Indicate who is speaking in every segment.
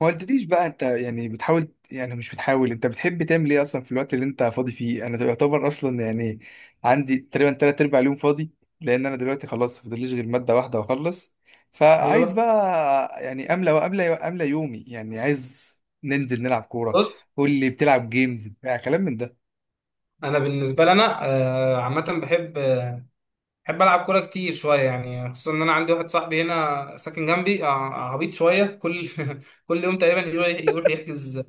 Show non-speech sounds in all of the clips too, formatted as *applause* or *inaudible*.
Speaker 1: ما قلتليش بقى انت يعني بتحاول مش بتحاول. انت بتحب تعمل ايه اصلا في الوقت اللي انت فاضي فيه؟ انا يعتبر اصلا يعني عندي تقريبا تلات ارباع اليوم فاضي، لان انا دلوقتي خلاص فاضليش غير مادة واحدة واخلص. فعايز
Speaker 2: ايوه،
Speaker 1: بقى يعني املى يومي، يعني عايز ننزل نلعب كورة.
Speaker 2: بص.
Speaker 1: قول لي، بتلعب جيمز بتاع كلام من ده؟
Speaker 2: انا بالنسبه لي، انا عامه بحب العب كوره كتير شويه، يعني خصوصا ان انا عندي واحد صاحبي هنا ساكن جنبي عبيط شويه. كل *laughs* كل يوم تقريبا يروح يحجز *laughs*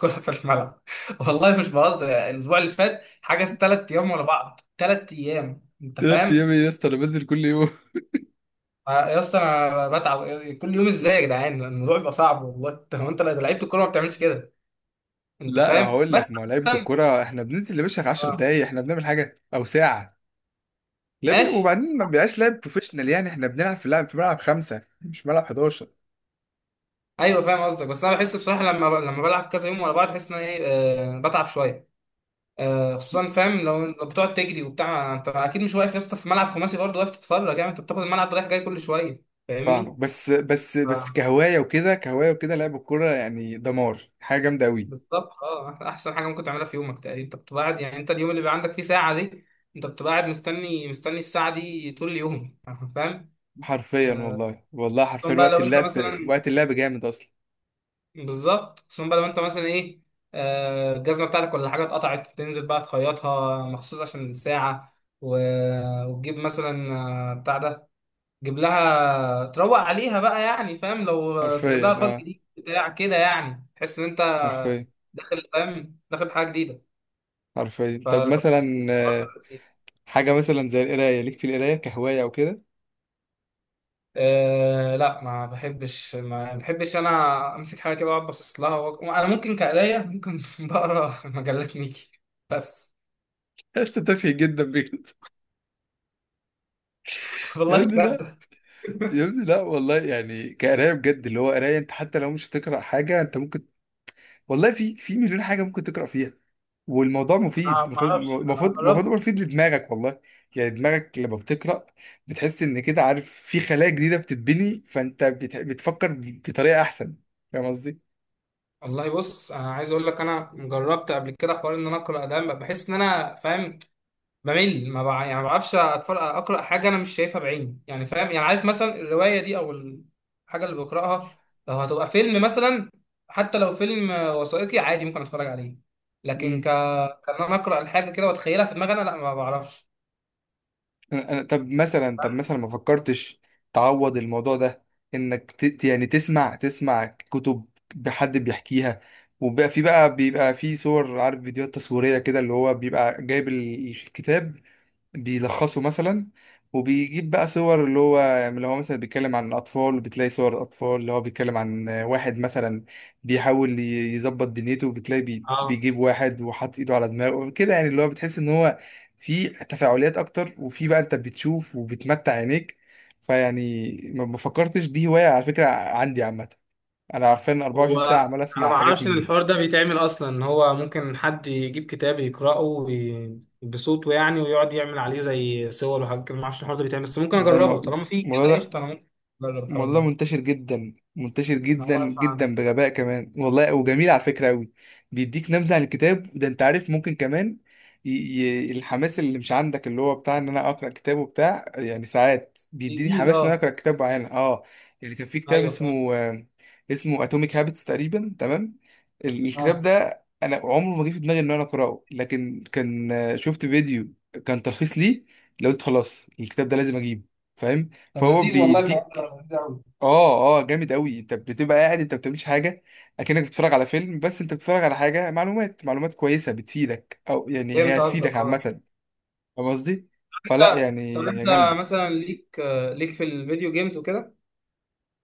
Speaker 2: كوره في الملعب. والله مش بهزر، يعني الاسبوع اللي فات حجز 3 ايام ورا بعض، 3 ايام. انت
Speaker 1: تلات
Speaker 2: فاهم؟
Speaker 1: ايام إيه يا اسطى؟ انا بنزل كل يوم.
Speaker 2: آه، يا اسطى، انا بتعب كل يوم، ازاي يا جدعان؟ الموضوع بيبقى صعب والله. انت، هو انت لو لعيبه الكوره ما بتعملش كده. انت
Speaker 1: لا
Speaker 2: فاهم؟
Speaker 1: هقول
Speaker 2: بس
Speaker 1: لك، ما هو لعيبة
Speaker 2: عامة،
Speaker 1: الكورة احنا بننزل يا باشا 10
Speaker 2: آه،
Speaker 1: دقايق، احنا بنعمل حاجة او ساعة لعب،
Speaker 2: ماشي.
Speaker 1: وبعدين ما بيبقاش لاعب بروفيشنال. يعني احنا بنلعب في لعب في ملعب خمسة، مش ملعب 11.
Speaker 2: ايوه، فاهم قصدك، بس انا بحس بصراحه لما بلعب كذا يوم ورا بعض بحس ان انا ايه، بتعب شويه. آه، خصوصا، فاهم؟ لو بتقعد تجري وبتاع، انت اكيد مش واقف يا اسطى في ملعب خماسي، برضه واقف تتفرج يعني؟ انت بتاخد الملعب رايح جاي كل شويه.
Speaker 1: فاهمه.
Speaker 2: فاهمني؟
Speaker 1: بس
Speaker 2: آه،
Speaker 1: كهواية وكده، كهواية وكده، لعب الكورة يعني دمار، حاجة جامدة أوي.
Speaker 2: بالظبط. اه، احسن حاجه ممكن تعملها في يومك، تقريبا انت بتبقى قاعد. يعني انت، اليوم اللي بيبقى عندك فيه ساعه دي، انت بتبقى قاعد مستني مستني الساعه دي طول اليوم. فاهم؟
Speaker 1: حرفيا
Speaker 2: آه،
Speaker 1: والله، والله حرفيا
Speaker 2: خصوصا بقى
Speaker 1: وقت
Speaker 2: لو انت
Speaker 1: اللعب.
Speaker 2: مثلا،
Speaker 1: وقت اللعب جامد أصلا.
Speaker 2: بالظبط، خصوصا بقى لو انت مثلا ايه، الجزمه بتاعتك ولا حاجه اتقطعت، تنزل بقى تخيطها مخصوص عشان الساعه، و... وتجيب مثلا بتاع ده، تجيب لها تروق عليها بقى، يعني فاهم، لو تجيب لها
Speaker 1: حرفيا،
Speaker 2: الباج
Speaker 1: اه
Speaker 2: جديد بتاع كده يعني تحس ان انت
Speaker 1: حرفيا.
Speaker 2: داخل، فاهم؟ داخل بحاجه جديده.
Speaker 1: حرفيا طب
Speaker 2: فالحوار
Speaker 1: مثلا
Speaker 2: ده لذيذ.
Speaker 1: حاجة مثلا زي القراية، ليك في القراية كهواية أو كده؟
Speaker 2: أه، لا ما بحبش، ما بحبش انا امسك حاجه كده واقعد باصص لها، انا ممكن كقرايه ممكن *laughs* بقرا مجلات ميكي بس.
Speaker 1: يا اسطى تافه جدا بجد.
Speaker 2: *laughs*
Speaker 1: *laughs* يا
Speaker 2: والله
Speaker 1: ابني لا،
Speaker 2: بجد.
Speaker 1: يا ابني لا والله. يعني كقراية بجد، اللي هو قراية انت حتى لو مش هتقرأ حاجة انت ممكن، والله في في مليون حاجة ممكن تقرأ فيها. والموضوع
Speaker 2: انا
Speaker 1: مفيد،
Speaker 2: ما
Speaker 1: المفروض
Speaker 2: اعرفش، انا
Speaker 1: المفروض المفروض يبقى
Speaker 2: جربت
Speaker 1: مفيد لدماغك والله. يعني دماغك لما بتقرأ بتحس ان كده، عارف، في خلايا جديدة بتتبني، فانت بتفكر بطريقة احسن. فاهم قصدي؟
Speaker 2: والله. بص، انا عايز اقول لك، انا جربت قبل كده حوار ان انا اقرا ده. بحس ان انا فاهم، بمل ما يعني ما بعرفش اقرا حاجه انا مش شايفها بعيني، يعني فاهم؟ يعني عارف مثلا الروايه دي او الحاجه اللي بقراها لو هتبقى فيلم مثلا، حتى لو فيلم وثائقي عادي ممكن اتفرج عليه، لكن
Speaker 1: مم.
Speaker 2: كان انا اقرا الحاجه كده واتخيلها في دماغي، انا لا ما بعرفش.
Speaker 1: أنا طب مثلا، طب مثلا ما فكرتش تعوض الموضوع ده، انك يعني تسمع، تسمع كتب بحد بيحكيها، وبقى في بقى بيبقى في صور، عارف، فيديوهات تصويرية كده، اللي هو بيبقى جايب الكتاب بيلخصه مثلا، وبيجيب بقى صور، اللي هو يعني اللي هو مثلا بيتكلم عن الاطفال وبتلاقي صور الاطفال، اللي هو بيتكلم عن واحد مثلا بيحاول يظبط دنيته وبتلاقي
Speaker 2: اه،
Speaker 1: بيجيب واحد وحاطط ايده على دماغه كده، يعني اللي هو بتحس ان هو في تفاعليات اكتر، وفي بقى انت بتشوف وبتمتع عينيك. فيعني ما فكرتش دي هواية؟ على فكرة عندي عامة انا، عارفان
Speaker 2: هو
Speaker 1: 24 ساعة عمال
Speaker 2: انا
Speaker 1: اسمع
Speaker 2: ما
Speaker 1: حاجات
Speaker 2: اعرفش ان
Speaker 1: من دي.
Speaker 2: الحوار ده بيتعمل اصلا، ان هو ممكن حد يجيب كتاب يقراه بصوته يعني، ويقعد يعمل عليه زي صور وحاجات كده. ما اعرفش الحوار ده بيتعمل، بس ممكن
Speaker 1: ده
Speaker 2: اجربه.
Speaker 1: الم-
Speaker 2: طالما في
Speaker 1: الموضوع
Speaker 2: كده
Speaker 1: ده
Speaker 2: قشطه، انا ممكن اجرب الحوار
Speaker 1: والله
Speaker 2: ده.
Speaker 1: منتشر جدا، منتشر
Speaker 2: انا اول
Speaker 1: جدا
Speaker 2: مره اسمع عنه.
Speaker 1: جدا، بغباء كمان والله، وجميل على فكرة قوي. بيديك نبذة عن الكتاب وده، انت عارف، ممكن كمان الحماس اللي مش عندك، اللي هو بتاع ان انا اقرا كتاب وبتاع، يعني ساعات بيديني
Speaker 2: جديد،
Speaker 1: حماس ان انا
Speaker 2: اه؟
Speaker 1: اقرا كتاب معين. اه يعني كان في كتاب
Speaker 2: ايوه، فاهم،
Speaker 1: اسمه اسمه اتوميك هابتس تقريبا، تمام؟ الكتاب
Speaker 2: اه.
Speaker 1: ده انا عمره ما جه في دماغي ان انا اقراه، لكن كان شفت فيديو كان تلخيص ليه، لقيت خلاص الكتاب ده لازم اجيبه. فاهم.
Speaker 2: طب
Speaker 1: فهو
Speaker 2: لذيذ والله، الحوار
Speaker 1: بيديك،
Speaker 2: ده لذيذ قوي.
Speaker 1: اه اه جامد قوي. انت بتبقى قاعد، انت ما بتعملش حاجه، اكنك بتتفرج على فيلم، بس انت بتتفرج على حاجه معلومات، معلومات كويسه بتفيدك، او يعني هي
Speaker 2: فهمت
Speaker 1: هتفيدك
Speaker 2: قصدك، اه.
Speaker 1: عامه. فاهم قصدي؟
Speaker 2: انت،
Speaker 1: فلا يعني
Speaker 2: طب انت
Speaker 1: هي جامده.
Speaker 2: مثلا ليك ليك في الفيديو جيمز وكده؟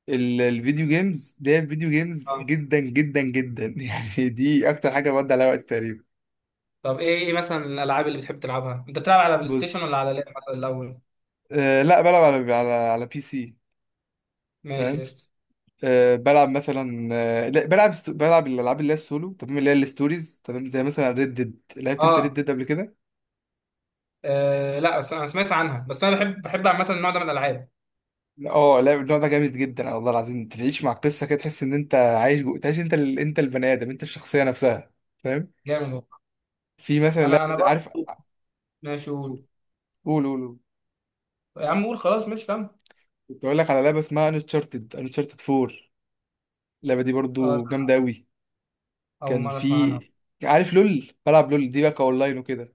Speaker 1: الفيديو جيمز ده الفيديو جيمز
Speaker 2: اه،
Speaker 1: جدا جدا جدا. *laughs* يعني دي اكتر حاجه بقضي عليها وقت تقريبا.
Speaker 2: طب ايه مثلا الالعاب اللي بتحب تلعبها؟ انت بتلعب على بلاي ستيشن ولا
Speaker 1: بص،
Speaker 2: على لعبه الاول؟
Speaker 1: لا بلعب على بي سي.
Speaker 2: ماشي،
Speaker 1: فاهم.
Speaker 2: قشطه.
Speaker 1: آه بلعب مثلا، لا بلعب بلعب الالعاب اللي هي السولو، تمام، اللي هي الستوريز، تمام، زي مثلا ريد ديد. لعبت انت ريد
Speaker 2: اه،
Speaker 1: ديد قبل كده؟
Speaker 2: آه، لا بس انا سمعت عنها، بس انا بحب عامه النوع ده من الالعاب.
Speaker 1: اه لا النوع ده جامد جدا والله العظيم. تعيش مع القصه كده، تحس ان انت عايش جوه، تعيش انت انت البني ادم، انت الشخصيه نفسها. فاهم؟
Speaker 2: جامد والله.
Speaker 1: في مثلا لعبه
Speaker 2: انا
Speaker 1: عارف،
Speaker 2: برضه، ماشي قول.
Speaker 1: قول قول قول.
Speaker 2: يا عم قول، خلاص ماشي، كمل.
Speaker 1: كنت اقول لك على لعبه اسمها انشارتد، انشارتد 4. اللعبه دي
Speaker 2: اه،
Speaker 1: برضو جامده قوي.
Speaker 2: اول
Speaker 1: كان
Speaker 2: مره اسمع
Speaker 1: في،
Speaker 2: عنها.
Speaker 1: عارف لول؟ بلعب لول دي بقى اونلاين وكده.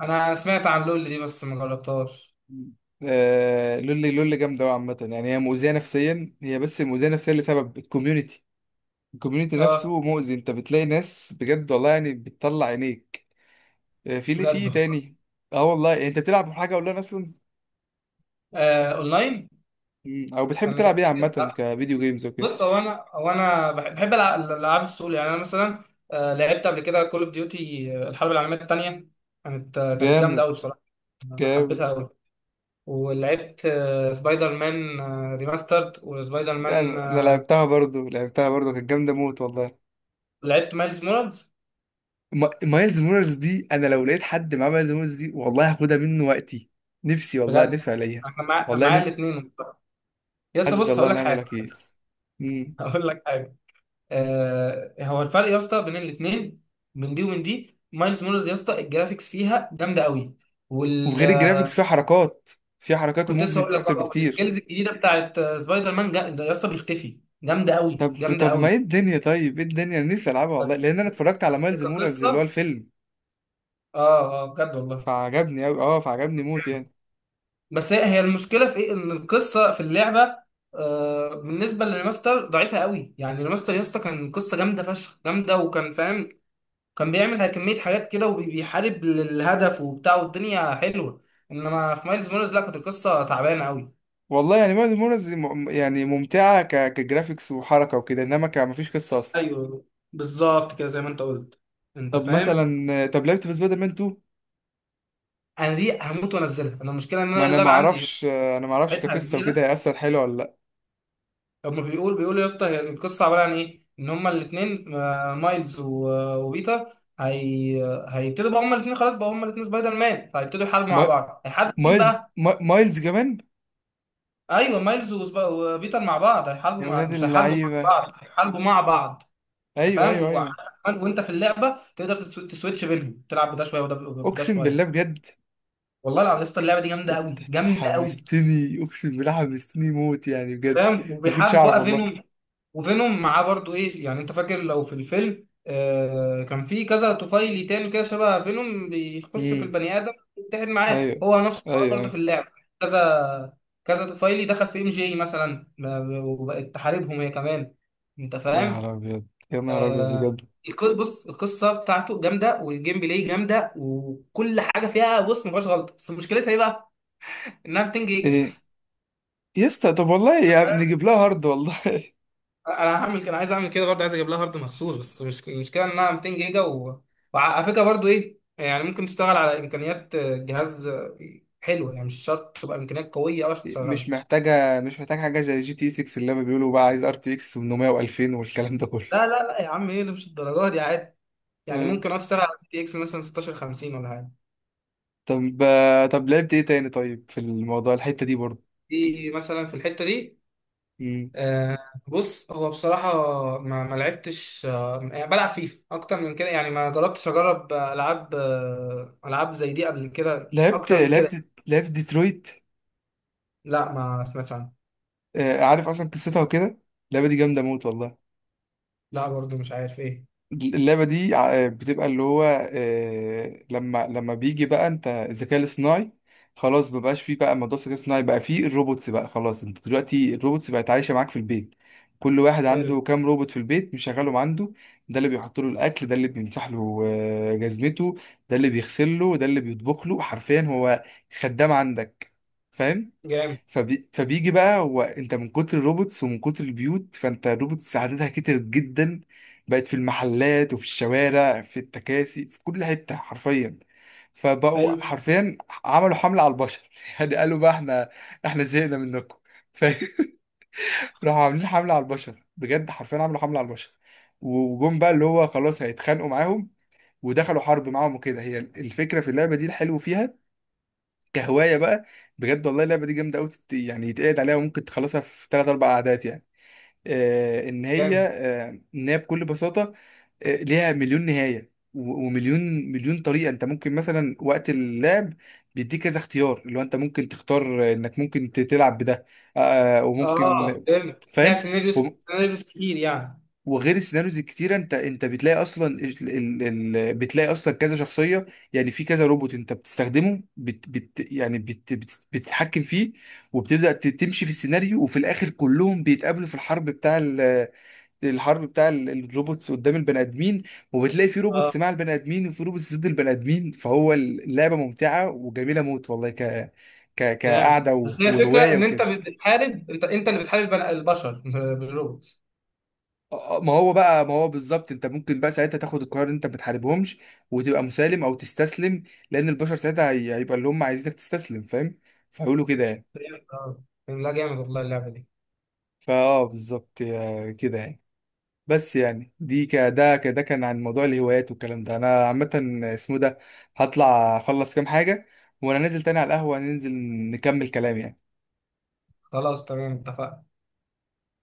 Speaker 2: انا سمعت عن لول دي بس ما جربتهاش.
Speaker 1: آه لول، لول جامده قوي عامه. يعني هي مؤذيه نفسيا، هي بس مؤذيه نفسيا لسبب الكوميونتي. الكوميونتي
Speaker 2: اه،
Speaker 1: نفسه مؤذي، انت بتلاقي ناس بجد والله يعني بتطلع عينيك. في اللي
Speaker 2: بجد
Speaker 1: فيه
Speaker 2: والله.
Speaker 1: تاني. اه والله، انت بتلعب حاجه اونلاين اصلا؟
Speaker 2: آه، اونلاين.
Speaker 1: او بتحب
Speaker 2: استنى كده
Speaker 1: تلعب ايه
Speaker 2: افتكر،
Speaker 1: عامه
Speaker 2: لا.
Speaker 1: كفيديو جيمز وكده؟
Speaker 2: بص، هو انا بحب الالعاب السول يعني. انا مثلا لعبت قبل كده كول اوف ديوتي، الحرب العالميه الثانيه. كانت جامده
Speaker 1: جامد،
Speaker 2: قوي بصراحه. انا
Speaker 1: جامد.
Speaker 2: حبيتها قوي. ولعبت سبايدر مان ريماسترد، وسبايدر
Speaker 1: ده
Speaker 2: مان
Speaker 1: انا لعبتها برضو، لعبتها برضو، كانت جامده موت والله.
Speaker 2: لعبت مايلز مورالز.
Speaker 1: مايلز مورالز دي، انا لو لقيت حد معاه مايلز مورالز دي والله هاخدها منه وقتي. نفسي والله،
Speaker 2: بجد،
Speaker 1: نفسي عليها.
Speaker 2: انا مع- كان
Speaker 1: والله
Speaker 2: معايا
Speaker 1: نف...
Speaker 2: الاثنين. يا اسطى،
Speaker 1: حسبي
Speaker 2: بص
Speaker 1: الله
Speaker 2: هقول لك
Speaker 1: ونعم
Speaker 2: حاجه.
Speaker 1: الوكيل. مم.
Speaker 2: *laughs* هقول لك حاجه. هو الفرق يا اسطى بين الاثنين، من دي ومن دي، مايلز مورالز يا اسطى الجرافيكس فيها جامده قوي. وال
Speaker 1: وغير الجرافيكس فيها حركات، فيها حركات
Speaker 2: كنت لسه هقول
Speaker 1: وموفمنتس
Speaker 2: لك
Speaker 1: اكتر
Speaker 2: اه،
Speaker 1: بكتير.
Speaker 2: السكيلز الجديده بتاعت سبايدر مان، ده يا اسطى بيختفي. جامده قوي،
Speaker 1: طب
Speaker 2: جامده
Speaker 1: طب ما ايه
Speaker 2: قوي.
Speaker 1: الدنيا، طيب ايه الدنيا، انا نفسي العبها والله،
Speaker 2: بس
Speaker 1: لان انا اتفرجت على
Speaker 2: بس
Speaker 1: مايلز مورالز اللي هو
Speaker 2: كقصه،
Speaker 1: الفيلم
Speaker 2: اه، اه، بجد والله.
Speaker 1: فعجبني أوي، اه فعجبني موت يعني.
Speaker 2: بس هي المشكله في ايه؟ ان القصه في اللعبه بالنسبه للريماستر ضعيفه قوي. يعني الريماستر يا اسطى كان قصه جامده فشخ، جامده، وكان فاهم، كان بيعمل كميه حاجات كده وبيحارب للهدف وبتاع، والدنيا حلوه. انما في مايلز مورز لا، كانت القصه تعبانه قوي.
Speaker 1: والله يعني ماز مونز يعني ممتعة كجرافيكس وحركة وكده، انما مفيش قصة اصلا.
Speaker 2: ايوه، بالظبط كده زي ما انت قلت. انت
Speaker 1: طب
Speaker 2: فاهم؟
Speaker 1: مثلا، طب لعبت في سبايدر مان 2؟
Speaker 2: انا دي هموت وانزلها. انا المشكله ان
Speaker 1: ما
Speaker 2: انا
Speaker 1: انا ما
Speaker 2: اللعبه عندي
Speaker 1: اعرفش، انا ما اعرفش
Speaker 2: مساحتها
Speaker 1: كقصة وكده
Speaker 2: كبيره.
Speaker 1: هيأثر حلو ولا لا.
Speaker 2: هما بيقول يا اسطى هي القصه عباره عن ايه، ان هما الاثنين، مايلز وبيتر. هي، هيبتدوا بقى هما الاثنين، خلاص بقى هما الاثنين سبايدر مان، فهيبتدوا يحاربوا مع
Speaker 1: ما...
Speaker 2: بعض. هيحاربوا مين
Speaker 1: مايلز،
Speaker 2: بقى؟
Speaker 1: ما... مايلز كمان.
Speaker 2: ايوه، مايلز وبيتر مع بعض، هيحاربوا
Speaker 1: يا ولاد
Speaker 2: مش هيحاربوا مع
Speaker 1: اللعيبة،
Speaker 2: بعض، هيحاربوا مع بعض. انت
Speaker 1: ايوه ايوه
Speaker 2: فاهم؟
Speaker 1: ايوه.
Speaker 2: كمان، وانت في اللعبه تقدر تسويتش بينهم، تلعب بده شويه وده، وده
Speaker 1: اقسم بالله
Speaker 2: شويه.
Speaker 1: بجد.
Speaker 2: والله العظيم يا اسطى اللعبه دي جامده
Speaker 1: انت
Speaker 2: قوي، جامده قوي.
Speaker 1: حمستني، اقسم بالله حمستني موت يعني بجد.
Speaker 2: فاهم؟
Speaker 1: ما كنتش
Speaker 2: وبيحاربوا
Speaker 1: اعرف
Speaker 2: بقى
Speaker 1: والله.
Speaker 2: فينوم، وفينوم معاه برضو ايه يعني، انت فاكر لو في الفيلم آه، كان في كذا طفيلي تاني كده شبه فينوم بيخش في
Speaker 1: امم.
Speaker 2: البني ادم يتحد معاه؟
Speaker 1: ايوه
Speaker 2: هو نفس
Speaker 1: ايوه
Speaker 2: الحوار برضو في
Speaker 1: ايوه.
Speaker 2: اللعب، كذا كذا طفيلي دخل في ام جي مثلا وبقت تحاربهم هي كمان. انت
Speaker 1: يا
Speaker 2: فاهم؟
Speaker 1: نهار ابيض، يا نهار ابيض
Speaker 2: آه
Speaker 1: بجد.
Speaker 2: بص القصه بتاعته جامده، والجيم بلاي جامده، وكل حاجه فيها بص ما فيهاش غلط. بس مشكلتها ايه بقى؟ انها 200 جيجا.
Speaker 1: ايه؟ يسطا طب والله يا نجيب لها هارد والله. *laughs*
Speaker 2: انا هعمل كده، عايز اعمل كده برضه، عايز اجيب لها هارد مخصوص، بس مش المشكله انها 200 جيجا وعلى فكره برضه ايه يعني، ممكن تشتغل على امكانيات جهاز حلوه يعني، مش شرط تبقى امكانيات قويه قوي عشان
Speaker 1: مش
Speaker 2: تشغلها.
Speaker 1: محتاجة، مش محتاجة حاجة زي جي تي 6 اللي هما بيقولوا بقى عايز ار تي اكس 800 و2000 والكلام ده كله.
Speaker 2: لا لا لا يا عم، ايه اللي مش الدرجات دي عادي؟ يعني
Speaker 1: أيوة.
Speaker 2: ممكن اشتغل على جي تي اكس مثلا 1650 ولا حاجه.
Speaker 1: طب طب لعبت ايه تاني طيب في الموضوع الحتة دي برضه؟
Speaker 2: دي مثلا في الحته دي
Speaker 1: مم.
Speaker 2: آه بص هو بصراحه، ما لعبتش يعني بلعب فيفا اكتر من كده، يعني ما جربتش اجرب العاب العاب زي دي قبل كده
Speaker 1: لعبت،
Speaker 2: اكتر من كده.
Speaker 1: لعبت ديترويت.
Speaker 2: لا، ما سمعتش عنها.
Speaker 1: آه، عارف اصلا قصتها وكده؟ اللعبة دي جامدة موت والله.
Speaker 2: لا برضو مش عارف ايه.
Speaker 1: اللعبة دي بتبقى اللي هو، لما بيجي بقى، انت الذكاء الاصطناعي خلاص مبقاش فيه، بقى موضوع الذكاء الاصطناعي بقى فيه الروبوتس، بقى خلاص انت دلوقتي الروبوتس بقت عايشة معاك في البيت. كل واحد
Speaker 2: حلو
Speaker 1: عنده كام روبوت في البيت مشغلهم عنده. ده اللي بيحط له الاكل، ده اللي بيمسح له جزمته، ده اللي بيغسل له، ده اللي بيطبخ له، حرفيا هو خدام عندك، فاهم.
Speaker 2: جامد،
Speaker 1: فبيجي بقى هو، انت من كتر الروبوتس ومن كتر البيوت، فانت الروبوتس عددها كتر جدا، بقت في المحلات وفي الشوارع، في التكاسي، في كل حتة حرفيا، فبقوا
Speaker 2: حلو
Speaker 1: حرفيا عملوا حملة على البشر. *laughs* يعني قالوا بقى، احنا زهقنا منكم. ف- *laughs* راحوا عاملين حملة على البشر بجد، حرفيا عملوا حملة على البشر، وجم بقى اللي هو خلاص هيتخانقوا معاهم ودخلوا حرب معاهم وكده. هي الفكرة في اللعبة دي، الحلو فيها كهوايه بقى. بجد والله اللعبه دي جامده قوي يعني، يتقعد عليها وممكن تخلصها في ثلاث اربع قعدات يعني.
Speaker 2: جامد،
Speaker 1: آه ان هي بكل بساطه، آه ليها مليون نهايه ومليون، مليون طريقه. انت ممكن مثلا وقت اللعب بيديك كذا اختيار، اللي هو انت ممكن تختار انك ممكن تلعب بده،
Speaker 2: اه.
Speaker 1: وممكن.
Speaker 2: فهمت ليها
Speaker 1: فاهم.
Speaker 2: سيناريوز سيناريوز كتير يعني.
Speaker 1: وغير السيناريوز الكتيره، انت انت بتلاقي اصلا بتلاقي اصلا كذا شخصيه. يعني في كذا روبوت انت بتستخدمه، يعني بتتحكم فيه، وبتبدا تمشي في السيناريو، وفي الاخر كلهم بيتقابلوا في الحرب الحرب بتاع الروبوتس قدام البني ادمين. وبتلاقي في روبوتس
Speaker 2: اه،
Speaker 1: مع البني ادمين وفي روبوتس ضد البني ادمين، فهو اللعبه ممتعه وجميله موت والله، ك ك
Speaker 2: جامد.
Speaker 1: كقعده
Speaker 2: بس هي الفكره
Speaker 1: وهوايه
Speaker 2: ان انت
Speaker 1: وكده.
Speaker 2: بتحارب، انت اللي بتحارب البشر *laughs* بالروبوتس.
Speaker 1: ما هو بقى، ما هو بالظبط انت ممكن بقى ساعتها تاخد القرار ان انت ما تحاربهمش وتبقى مسالم او تستسلم، لان البشر ساعتها هيبقى اللي هم عايزينك تستسلم، فاهم، فيقولوا كده يعني.
Speaker 2: فهمت، اه. لا جامد والله اللعبه دي.
Speaker 1: فاه بالظبط كده يعني. بس يعني دي ك ده ك ده كان عن موضوع الهوايات والكلام ده انا عامه، اسمه ده، هطلع اخلص كام حاجه وانا نازل تاني على القهوه، ننزل نكمل كلام يعني.
Speaker 2: خلاص تمام، اتفقنا.